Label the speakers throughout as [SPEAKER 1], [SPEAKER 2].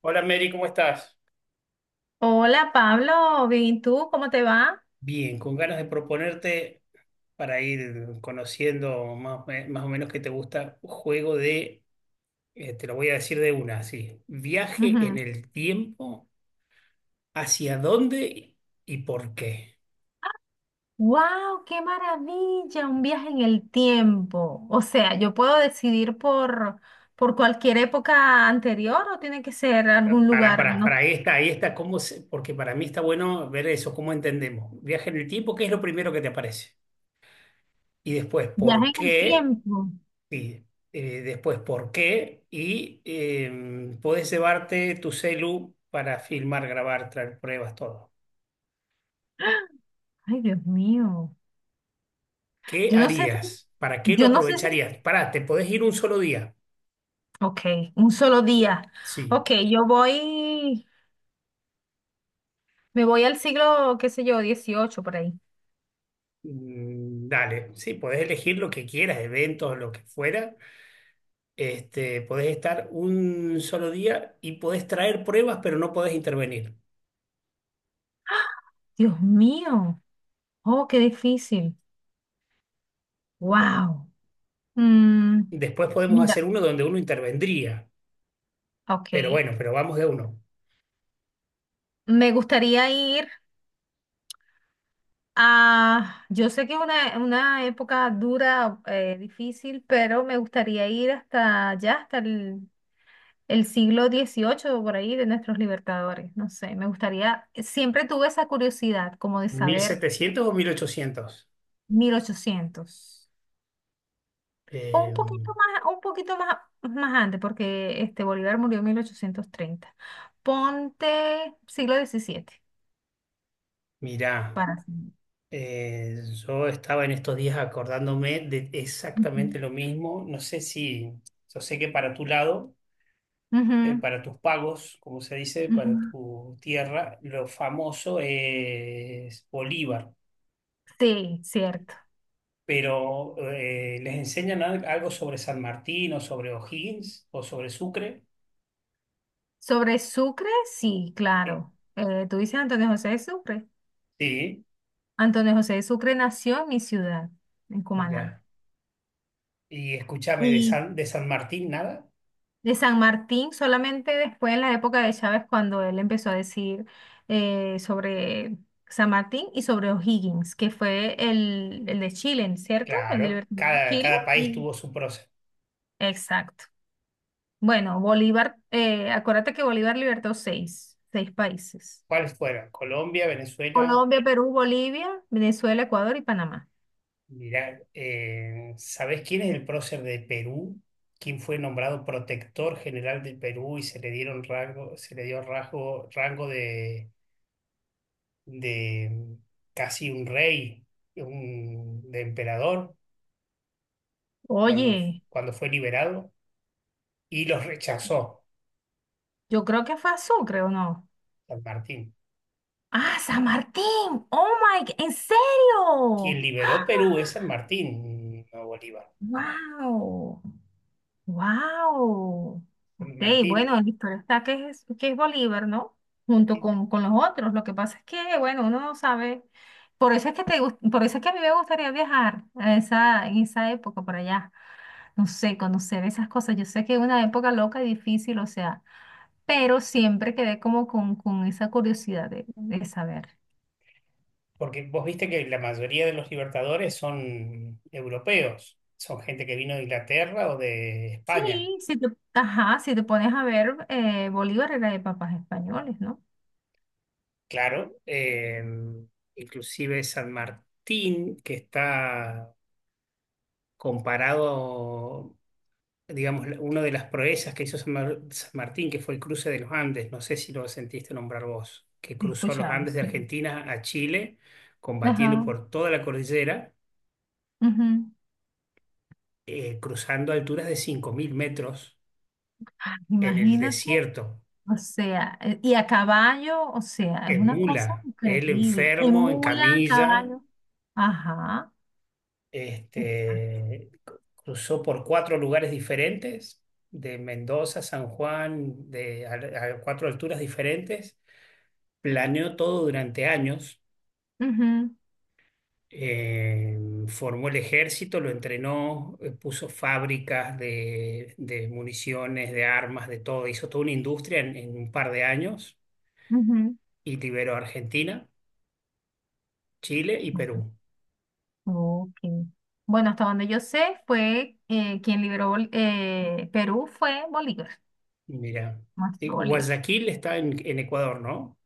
[SPEAKER 1] Hola Mary, ¿cómo estás?
[SPEAKER 2] Hola Pablo, bien, ¿y tú? ¿Cómo te va?
[SPEAKER 1] Bien, con ganas de proponerte para ir conociendo más, más o menos qué te gusta, un juego de, te lo voy a decir de una, así, viaje en el tiempo, ¿hacia dónde y por qué?
[SPEAKER 2] ¡Wow! ¡Qué maravilla! Un viaje en el tiempo. O sea, yo puedo decidir por cualquier época anterior o tiene que ser algún lugar,
[SPEAKER 1] Para,
[SPEAKER 2] ¿no?
[SPEAKER 1] ahí está, porque para mí está bueno ver eso, cómo entendemos. Viaje en el tiempo, ¿qué es lo primero que te aparece? Y después,
[SPEAKER 2] Viaje
[SPEAKER 1] ¿por
[SPEAKER 2] en el
[SPEAKER 1] qué?
[SPEAKER 2] tiempo.
[SPEAKER 1] Sí, después por qué y podés llevarte tu celu para filmar, grabar, traer pruebas, todo.
[SPEAKER 2] Ay, Dios mío.
[SPEAKER 1] ¿Qué
[SPEAKER 2] Yo no sé si,
[SPEAKER 1] harías? ¿Para qué lo
[SPEAKER 2] yo no sé si,
[SPEAKER 1] aprovecharías? Pará, te podés ir un solo día.
[SPEAKER 2] ok, un solo día.
[SPEAKER 1] Sí.
[SPEAKER 2] Ok, me voy al siglo, qué sé yo, XVIII por ahí.
[SPEAKER 1] Dale, sí, podés elegir lo que quieras, eventos, lo que fuera. Podés estar un solo día y podés traer pruebas, pero no podés intervenir.
[SPEAKER 2] Dios mío. Oh, qué difícil. ¡Wow!
[SPEAKER 1] Después podemos
[SPEAKER 2] Mira,
[SPEAKER 1] hacer uno donde uno intervendría,
[SPEAKER 2] ok.
[SPEAKER 1] pero bueno, pero vamos de uno.
[SPEAKER 2] Me gustaría ir yo sé que es una época dura, difícil, pero me gustaría ir hasta allá, hasta el siglo XVIII por ahí, de nuestros libertadores. No sé, me gustaría, siempre tuve esa curiosidad como de
[SPEAKER 1] mil
[SPEAKER 2] saber
[SPEAKER 1] setecientos o 1800.
[SPEAKER 2] 1800. O
[SPEAKER 1] Eh,
[SPEAKER 2] un poquito más, más antes, porque este Bolívar murió en 1830. Ponte siglo XVII
[SPEAKER 1] Mirá,
[SPEAKER 2] para...
[SPEAKER 1] eh, yo estaba en estos días acordándome de
[SPEAKER 2] Ujú,
[SPEAKER 1] exactamente lo mismo. No sé si, Yo sé que para tu lado,
[SPEAKER 2] ujú,
[SPEAKER 1] para tus pagos, como se dice, para
[SPEAKER 2] ujú.
[SPEAKER 1] tu tierra, lo famoso es Bolívar,
[SPEAKER 2] Sí, cierto.
[SPEAKER 1] pero ¿les enseñan algo sobre San Martín o sobre O'Higgins o sobre Sucre?
[SPEAKER 2] Sobre Sucre, sí,
[SPEAKER 1] Eh,
[SPEAKER 2] claro. Tú dices Antonio José de Sucre.
[SPEAKER 1] sí,
[SPEAKER 2] Antonio José de Sucre nació en mi ciudad, en Cumaná.
[SPEAKER 1] mira. Y escúchame, de
[SPEAKER 2] Y
[SPEAKER 1] San, de San Martín, nada.
[SPEAKER 2] de San Martín, solamente después en la época de Chávez, cuando él empezó a decir sobre San Martín y sobre O'Higgins, que fue el de Chile, ¿cierto?
[SPEAKER 1] Claro, cada,
[SPEAKER 2] Chile.
[SPEAKER 1] cada país tuvo su proceso.
[SPEAKER 2] Exacto. Bueno, Bolívar, acuérdate que Bolívar libertó seis países.
[SPEAKER 1] ¿Cuáles fueron? Colombia, Venezuela.
[SPEAKER 2] Colombia, Perú, Bolivia, Venezuela, Ecuador y Panamá.
[SPEAKER 1] Mirá, ¿sabés quién es el prócer de Perú? ¿Quién fue nombrado protector general del Perú y se le dieron rango, se le dio rango de casi un rey, de emperador, cuando,
[SPEAKER 2] Oye,
[SPEAKER 1] cuando fue liberado? Y los rechazó
[SPEAKER 2] yo creo que fue a Sucre, ¿o no?
[SPEAKER 1] San Martín.
[SPEAKER 2] Ah, San Martín. ¿En
[SPEAKER 1] Quien
[SPEAKER 2] serio?
[SPEAKER 1] liberó Perú es San Martín, no Bolívar.
[SPEAKER 2] Wow. Wow.
[SPEAKER 1] San
[SPEAKER 2] Ok,
[SPEAKER 1] Martín.
[SPEAKER 2] bueno, el historial está que es Bolívar, ¿no? Junto con los otros. Lo que pasa es que, bueno, uno no sabe. Por eso es que a mí me gustaría viajar en esa época por allá. No sé, conocer esas cosas. Yo sé que es una época loca y difícil, o sea. Pero siempre quedé como con esa curiosidad de saber.
[SPEAKER 1] Porque vos viste que la mayoría de los libertadores son europeos, son gente que vino de Inglaterra o de
[SPEAKER 2] Sí,
[SPEAKER 1] España.
[SPEAKER 2] si te, ajá, si te pones a ver, Bolívar era de papás españoles, ¿no?
[SPEAKER 1] Claro, inclusive San Martín, que está comparado, digamos, una de las proezas que hizo San Martín, que fue el cruce de los Andes, no sé si lo sentiste nombrar vos, que
[SPEAKER 2] He
[SPEAKER 1] cruzó los
[SPEAKER 2] escuchado,
[SPEAKER 1] Andes de
[SPEAKER 2] sí.
[SPEAKER 1] Argentina a Chile, combatiendo
[SPEAKER 2] Ajá.
[SPEAKER 1] por toda la cordillera,
[SPEAKER 2] Ujú.
[SPEAKER 1] cruzando alturas de 5.000 metros
[SPEAKER 2] Ah,
[SPEAKER 1] en el
[SPEAKER 2] imagínate,
[SPEAKER 1] desierto
[SPEAKER 2] o sea, y a caballo, o sea, es
[SPEAKER 1] en
[SPEAKER 2] una cosa
[SPEAKER 1] mula, él
[SPEAKER 2] increíble. En
[SPEAKER 1] enfermo, en
[SPEAKER 2] mula, a
[SPEAKER 1] camilla,
[SPEAKER 2] caballo. Ajá, exacto.
[SPEAKER 1] este, cruzó por cuatro lugares diferentes, de Mendoza, San Juan, a cuatro alturas diferentes, planeó todo durante años,
[SPEAKER 2] Ujú,
[SPEAKER 1] eh, formó el ejército, lo entrenó, puso fábricas de municiones, de armas, de todo, hizo toda una industria en un par de años y liberó a Argentina, Chile y
[SPEAKER 2] ujú.
[SPEAKER 1] Perú.
[SPEAKER 2] Ok. Bueno, hasta donde yo sé, fue quien liberó Perú fue Bolívar.
[SPEAKER 1] Mira.
[SPEAKER 2] Nuestro Bolívar.
[SPEAKER 1] Guayaquil está en Ecuador, ¿no?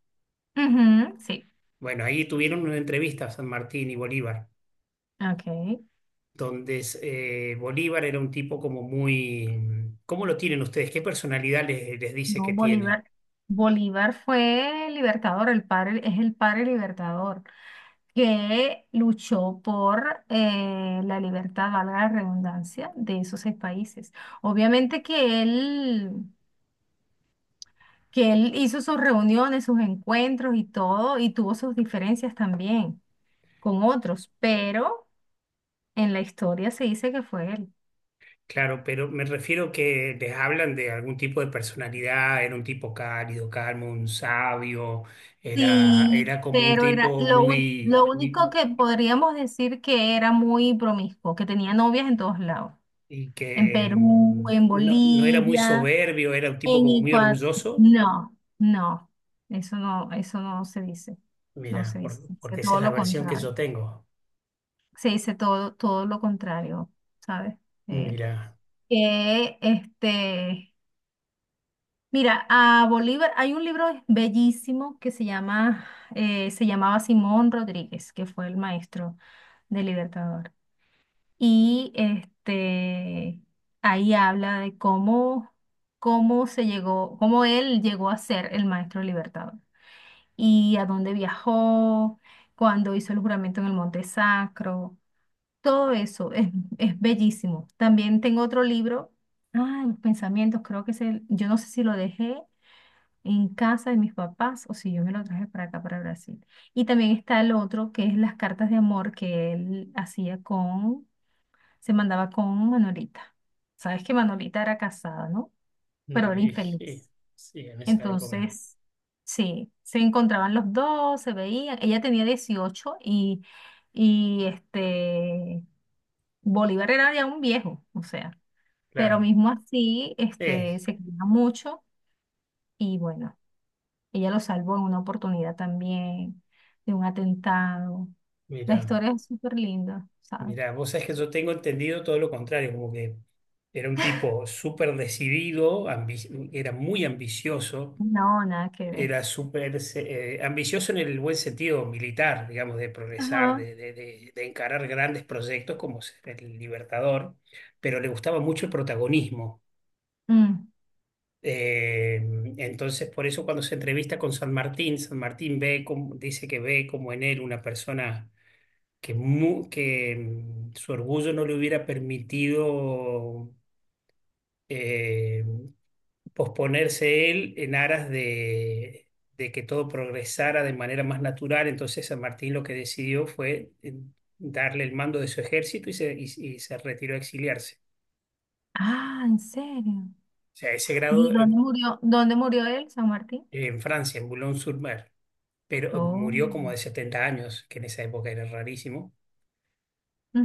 [SPEAKER 2] Ujú, sí.
[SPEAKER 1] Bueno, ahí tuvieron una entrevista San Martín y Bolívar,
[SPEAKER 2] Ok.
[SPEAKER 1] Bolívar era un tipo como muy... ¿Cómo lo tienen ustedes? ¿Qué personalidad les dice
[SPEAKER 2] No,
[SPEAKER 1] que tiene?
[SPEAKER 2] Bolívar. Bolívar fue libertador, el padre, es el padre libertador, que luchó por la libertad, valga la redundancia, de esos seis países. Obviamente que él hizo sus reuniones, sus encuentros y todo, y tuvo sus diferencias también con otros, pero en la historia se dice que fue él.
[SPEAKER 1] Claro, pero me refiero que les hablan de algún tipo de personalidad, era un tipo cálido, calmo, un sabio, era,
[SPEAKER 2] Sí,
[SPEAKER 1] era como un
[SPEAKER 2] pero era
[SPEAKER 1] tipo muy,
[SPEAKER 2] lo único
[SPEAKER 1] muy.
[SPEAKER 2] que podríamos decir que era muy promiscuo, que tenía novias en todos lados,
[SPEAKER 1] Y
[SPEAKER 2] en
[SPEAKER 1] que
[SPEAKER 2] Perú, en
[SPEAKER 1] no, no era muy
[SPEAKER 2] Bolivia,
[SPEAKER 1] soberbio, era un tipo
[SPEAKER 2] en
[SPEAKER 1] como muy
[SPEAKER 2] Ecuador.
[SPEAKER 1] orgulloso.
[SPEAKER 2] No, no, eso no se dice,
[SPEAKER 1] Mira,
[SPEAKER 2] se dice
[SPEAKER 1] porque esa
[SPEAKER 2] todo
[SPEAKER 1] es la
[SPEAKER 2] lo
[SPEAKER 1] versión que
[SPEAKER 2] contrario,
[SPEAKER 1] yo tengo.
[SPEAKER 2] se dice todo lo contrario, ¿sabes? Eh,
[SPEAKER 1] Mira,
[SPEAKER 2] que este Mira, a Bolívar hay un libro bellísimo que se llama, se llamaba Simón Rodríguez, que fue el maestro del Libertador. Y ahí habla de cómo se llegó, cómo él llegó a ser el maestro Libertador y a dónde viajó, cuando hizo el juramento en el Monte Sacro. Todo eso es bellísimo. También tengo otro libro, ah, Los Pensamientos, creo que es el, yo no sé si lo dejé en casa de mis papás o si yo me lo traje para acá, para Brasil. Y también está el otro, que es las cartas de amor que él se mandaba con Manolita. Sabes que Manolita era casada, ¿no? Pero era
[SPEAKER 1] y sí,
[SPEAKER 2] infeliz.
[SPEAKER 1] sí, en esa época,
[SPEAKER 2] Entonces, sí, se encontraban los dos, se veían. Ella tenía 18 y Bolívar era ya un viejo, o sea. Pero
[SPEAKER 1] claro.
[SPEAKER 2] mismo así,
[SPEAKER 1] Eh,
[SPEAKER 2] se quería mucho y bueno. Ella lo salvó en una oportunidad también de un atentado. La
[SPEAKER 1] Mira,
[SPEAKER 2] historia es súper linda, ¿sabes?
[SPEAKER 1] mira, vos sabés que yo tengo entendido todo lo contrario, como que era un tipo súper decidido, era muy ambicioso,
[SPEAKER 2] No, nada que ver.
[SPEAKER 1] era súper ambicioso en el buen sentido militar, digamos, de progresar,
[SPEAKER 2] Ajá.
[SPEAKER 1] de encarar grandes proyectos como ser el Libertador, pero le gustaba mucho el protagonismo.
[SPEAKER 2] Mm.
[SPEAKER 1] Eh, entonces, por eso cuando se entrevista con San Martín, San Martín ve como, dice que ve como en él una persona que su orgullo no le hubiera permitido eh, posponerse él en aras de que todo progresara de manera más natural. Entonces, San Martín lo que decidió fue darle el mando de su ejército y se retiró a exiliarse.
[SPEAKER 2] Ah, ¿en serio?
[SPEAKER 1] O sea, a ese
[SPEAKER 2] ¿Y
[SPEAKER 1] grado
[SPEAKER 2] dónde murió él, San Martín?
[SPEAKER 1] en Francia, en Boulogne-sur-Mer. Pero
[SPEAKER 2] Oh.
[SPEAKER 1] murió como de 70 años, que en esa época era rarísimo.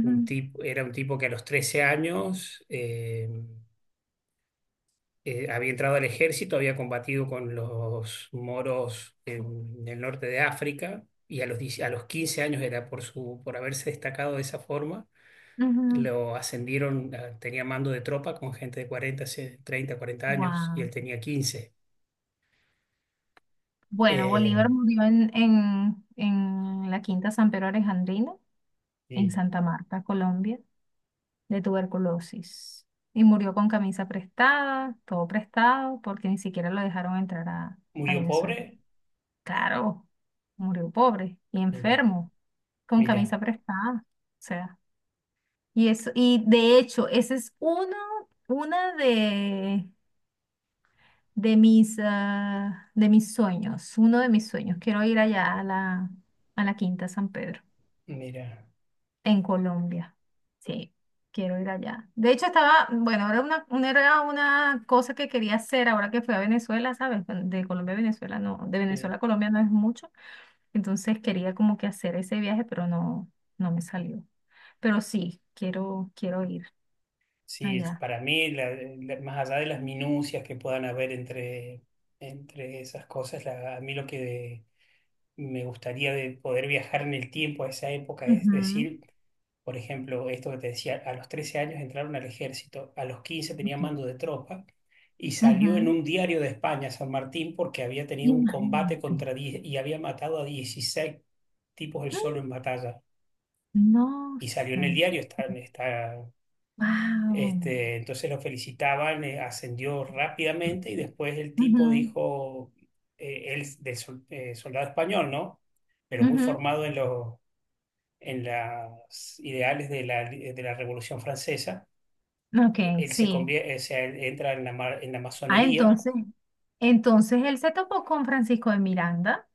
[SPEAKER 1] Un tipo, era un tipo que a los 13 años había entrado al ejército, había combatido con los moros en el norte de África y a los, 10 a los 15 años era por haberse destacado de esa forma.
[SPEAKER 2] ujú.
[SPEAKER 1] Lo ascendieron, tenía mando de tropa con gente de 30, 40 años y
[SPEAKER 2] Wow.
[SPEAKER 1] él tenía 15.
[SPEAKER 2] Bueno, Bolívar
[SPEAKER 1] Eh,
[SPEAKER 2] murió en la Quinta San Pedro Alejandrino, en
[SPEAKER 1] y
[SPEAKER 2] Santa Marta, Colombia, de tuberculosis y murió con camisa prestada, todo prestado, porque ni siquiera lo dejaron entrar a
[SPEAKER 1] murió
[SPEAKER 2] Venezuela.
[SPEAKER 1] pobre.
[SPEAKER 2] Claro, murió pobre y
[SPEAKER 1] Mira,
[SPEAKER 2] enfermo, con
[SPEAKER 1] mira,
[SPEAKER 2] camisa prestada. O sea, y eso, y de hecho, ese es uno, una de mis, ah, uno de mis sueños. Quiero ir allá a la Quinta San Pedro.
[SPEAKER 1] mira.
[SPEAKER 2] En Colombia, sí, quiero ir allá. De hecho, bueno, era era una cosa que quería hacer ahora que fui a Venezuela, ¿sabes? Bueno, de Colombia a Venezuela, no, de
[SPEAKER 1] eh,
[SPEAKER 2] Venezuela a Colombia no es mucho. Entonces quería como que hacer ese viaje, pero no, no me salió. Pero sí, quiero ir
[SPEAKER 1] Sí,
[SPEAKER 2] allá.
[SPEAKER 1] para mí, más allá de las minucias que puedan haber entre esas cosas, a mí lo que me gustaría de poder viajar en el tiempo a esa época es
[SPEAKER 2] Ujú,
[SPEAKER 1] decir, por ejemplo, esto que te decía, a los 13 años entraron al ejército, a los 15 tenía
[SPEAKER 2] ok.
[SPEAKER 1] mando de tropa y salió en
[SPEAKER 2] Ujú.
[SPEAKER 1] un diario de España, San Martín, porque había tenido un combate
[SPEAKER 2] Imagínate.
[SPEAKER 1] contra 10 y había matado a 16 tipos él solo
[SPEAKER 2] Mm,
[SPEAKER 1] en batalla.
[SPEAKER 2] no
[SPEAKER 1] Y salió en
[SPEAKER 2] sé.
[SPEAKER 1] el diario, está,
[SPEAKER 2] Wow.
[SPEAKER 1] entonces lo felicitaban, ascendió rápidamente y después el tipo
[SPEAKER 2] Ujú,
[SPEAKER 1] dijo, soldado español, ¿no? Pero muy
[SPEAKER 2] ujú.
[SPEAKER 1] formado en los en las ideales de la Revolución Francesa.
[SPEAKER 2] Ok,
[SPEAKER 1] Él se
[SPEAKER 2] sí.
[SPEAKER 1] convierte, entra en la
[SPEAKER 2] Ah,
[SPEAKER 1] masonería,
[SPEAKER 2] entonces él se topó con Francisco de Miranda,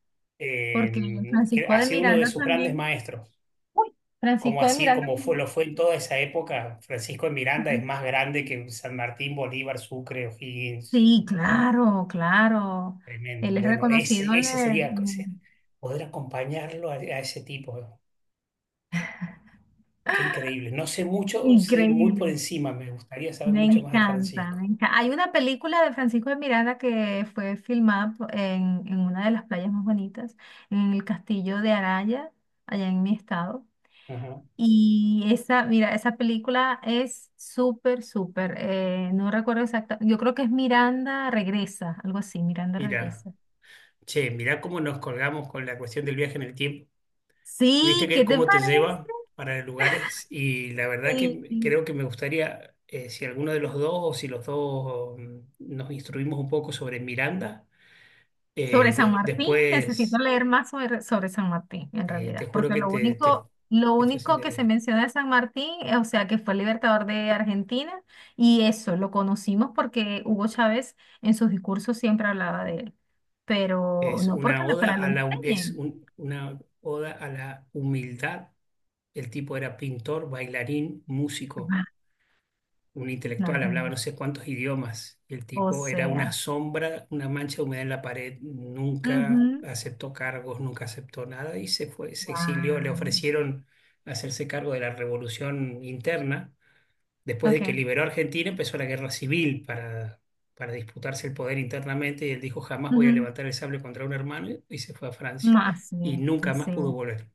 [SPEAKER 2] porque
[SPEAKER 1] que
[SPEAKER 2] Francisco
[SPEAKER 1] ha
[SPEAKER 2] de
[SPEAKER 1] sido uno de
[SPEAKER 2] Miranda
[SPEAKER 1] sus grandes
[SPEAKER 2] también,
[SPEAKER 1] maestros.
[SPEAKER 2] uy,
[SPEAKER 1] Como
[SPEAKER 2] Francisco de
[SPEAKER 1] así,
[SPEAKER 2] Miranda
[SPEAKER 1] como fue,
[SPEAKER 2] también.
[SPEAKER 1] lo fue en toda esa época, Francisco de Miranda es
[SPEAKER 2] Ujú.
[SPEAKER 1] más grande que San Martín, Bolívar, Sucre, O'Higgins.
[SPEAKER 2] Sí, claro, claro.
[SPEAKER 1] Tremendo.
[SPEAKER 2] Él es
[SPEAKER 1] Bueno,
[SPEAKER 2] reconocido.
[SPEAKER 1] ese, ese sería o sea, poder acompañarlo a ese tipo. Qué increíble. No sé mucho, sé muy por
[SPEAKER 2] Increíble.
[SPEAKER 1] encima. Me gustaría saber
[SPEAKER 2] Me
[SPEAKER 1] mucho más de
[SPEAKER 2] encanta,
[SPEAKER 1] Francisco.
[SPEAKER 2] me encanta. Hay una película de Francisco de Miranda que fue filmada en una de las playas más bonitas, en el castillo de Araya, allá en mi estado.
[SPEAKER 1] Ajá.
[SPEAKER 2] Y esa, mira, esa película es súper, súper, no recuerdo exacta, yo creo que es Miranda Regresa, algo así, Miranda
[SPEAKER 1] Mira,
[SPEAKER 2] Regresa.
[SPEAKER 1] che, mira cómo nos colgamos con la cuestión del viaje en el tiempo. Viste
[SPEAKER 2] Sí,
[SPEAKER 1] que
[SPEAKER 2] ¿qué te
[SPEAKER 1] cómo te
[SPEAKER 2] parece?
[SPEAKER 1] lleva para lugares y la verdad
[SPEAKER 2] Sí.
[SPEAKER 1] que creo que me gustaría, si alguno de los dos o si los dos nos instruimos un poco sobre Miranda,
[SPEAKER 2] Sobre San Martín, necesito
[SPEAKER 1] después
[SPEAKER 2] leer más sobre San Martín, en
[SPEAKER 1] te
[SPEAKER 2] realidad,
[SPEAKER 1] juro
[SPEAKER 2] porque
[SPEAKER 1] que
[SPEAKER 2] lo
[SPEAKER 1] te, te
[SPEAKER 2] único, lo
[SPEAKER 1] te
[SPEAKER 2] único que se
[SPEAKER 1] fascinaría.
[SPEAKER 2] menciona de San Martín, o sea, que fue el libertador de Argentina, y eso, lo conocimos porque Hugo Chávez en sus discursos siempre hablaba de él, pero
[SPEAKER 1] Es
[SPEAKER 2] no porque
[SPEAKER 1] una
[SPEAKER 2] en la escuela
[SPEAKER 1] oda
[SPEAKER 2] lo
[SPEAKER 1] a la, es
[SPEAKER 2] enseñen.
[SPEAKER 1] un- una oda a la humildad. El tipo era pintor, bailarín, músico, un
[SPEAKER 2] Las
[SPEAKER 1] intelectual, hablaba
[SPEAKER 2] nubes.
[SPEAKER 1] no sé cuántos idiomas. El
[SPEAKER 2] O
[SPEAKER 1] tipo era una
[SPEAKER 2] sea.
[SPEAKER 1] sombra, una mancha de humedad en la pared. Nunca
[SPEAKER 2] Ujú.
[SPEAKER 1] aceptó cargos, nunca aceptó nada y se fue, se exilió. Le
[SPEAKER 2] Guau.
[SPEAKER 1] ofrecieron hacerse cargo de la revolución interna después de que
[SPEAKER 2] Ok.
[SPEAKER 1] liberó a Argentina, empezó la guerra civil para disputarse el poder internamente y él dijo, jamás voy a
[SPEAKER 2] Ujú.
[SPEAKER 1] levantar el sable contra un hermano y se fue a Francia
[SPEAKER 2] No, así
[SPEAKER 1] y
[SPEAKER 2] es,
[SPEAKER 1] nunca más
[SPEAKER 2] así
[SPEAKER 1] pudo
[SPEAKER 2] es.
[SPEAKER 1] volver.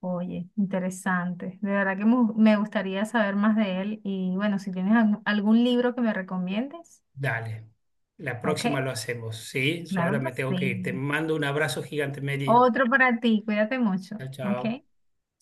[SPEAKER 2] Oye, interesante. De verdad que me gustaría saber más de él. Y bueno, si tienes algún libro que me recomiendes,
[SPEAKER 1] Dale, la próxima
[SPEAKER 2] ok.
[SPEAKER 1] lo hacemos, ¿sí? Yo
[SPEAKER 2] Claro
[SPEAKER 1] ahora me
[SPEAKER 2] que
[SPEAKER 1] tengo que ir. Te
[SPEAKER 2] sí.
[SPEAKER 1] mando un abrazo gigante, Mary.
[SPEAKER 2] Otro para ti. Cuídate mucho.
[SPEAKER 1] Chao,
[SPEAKER 2] Ok.
[SPEAKER 1] chao.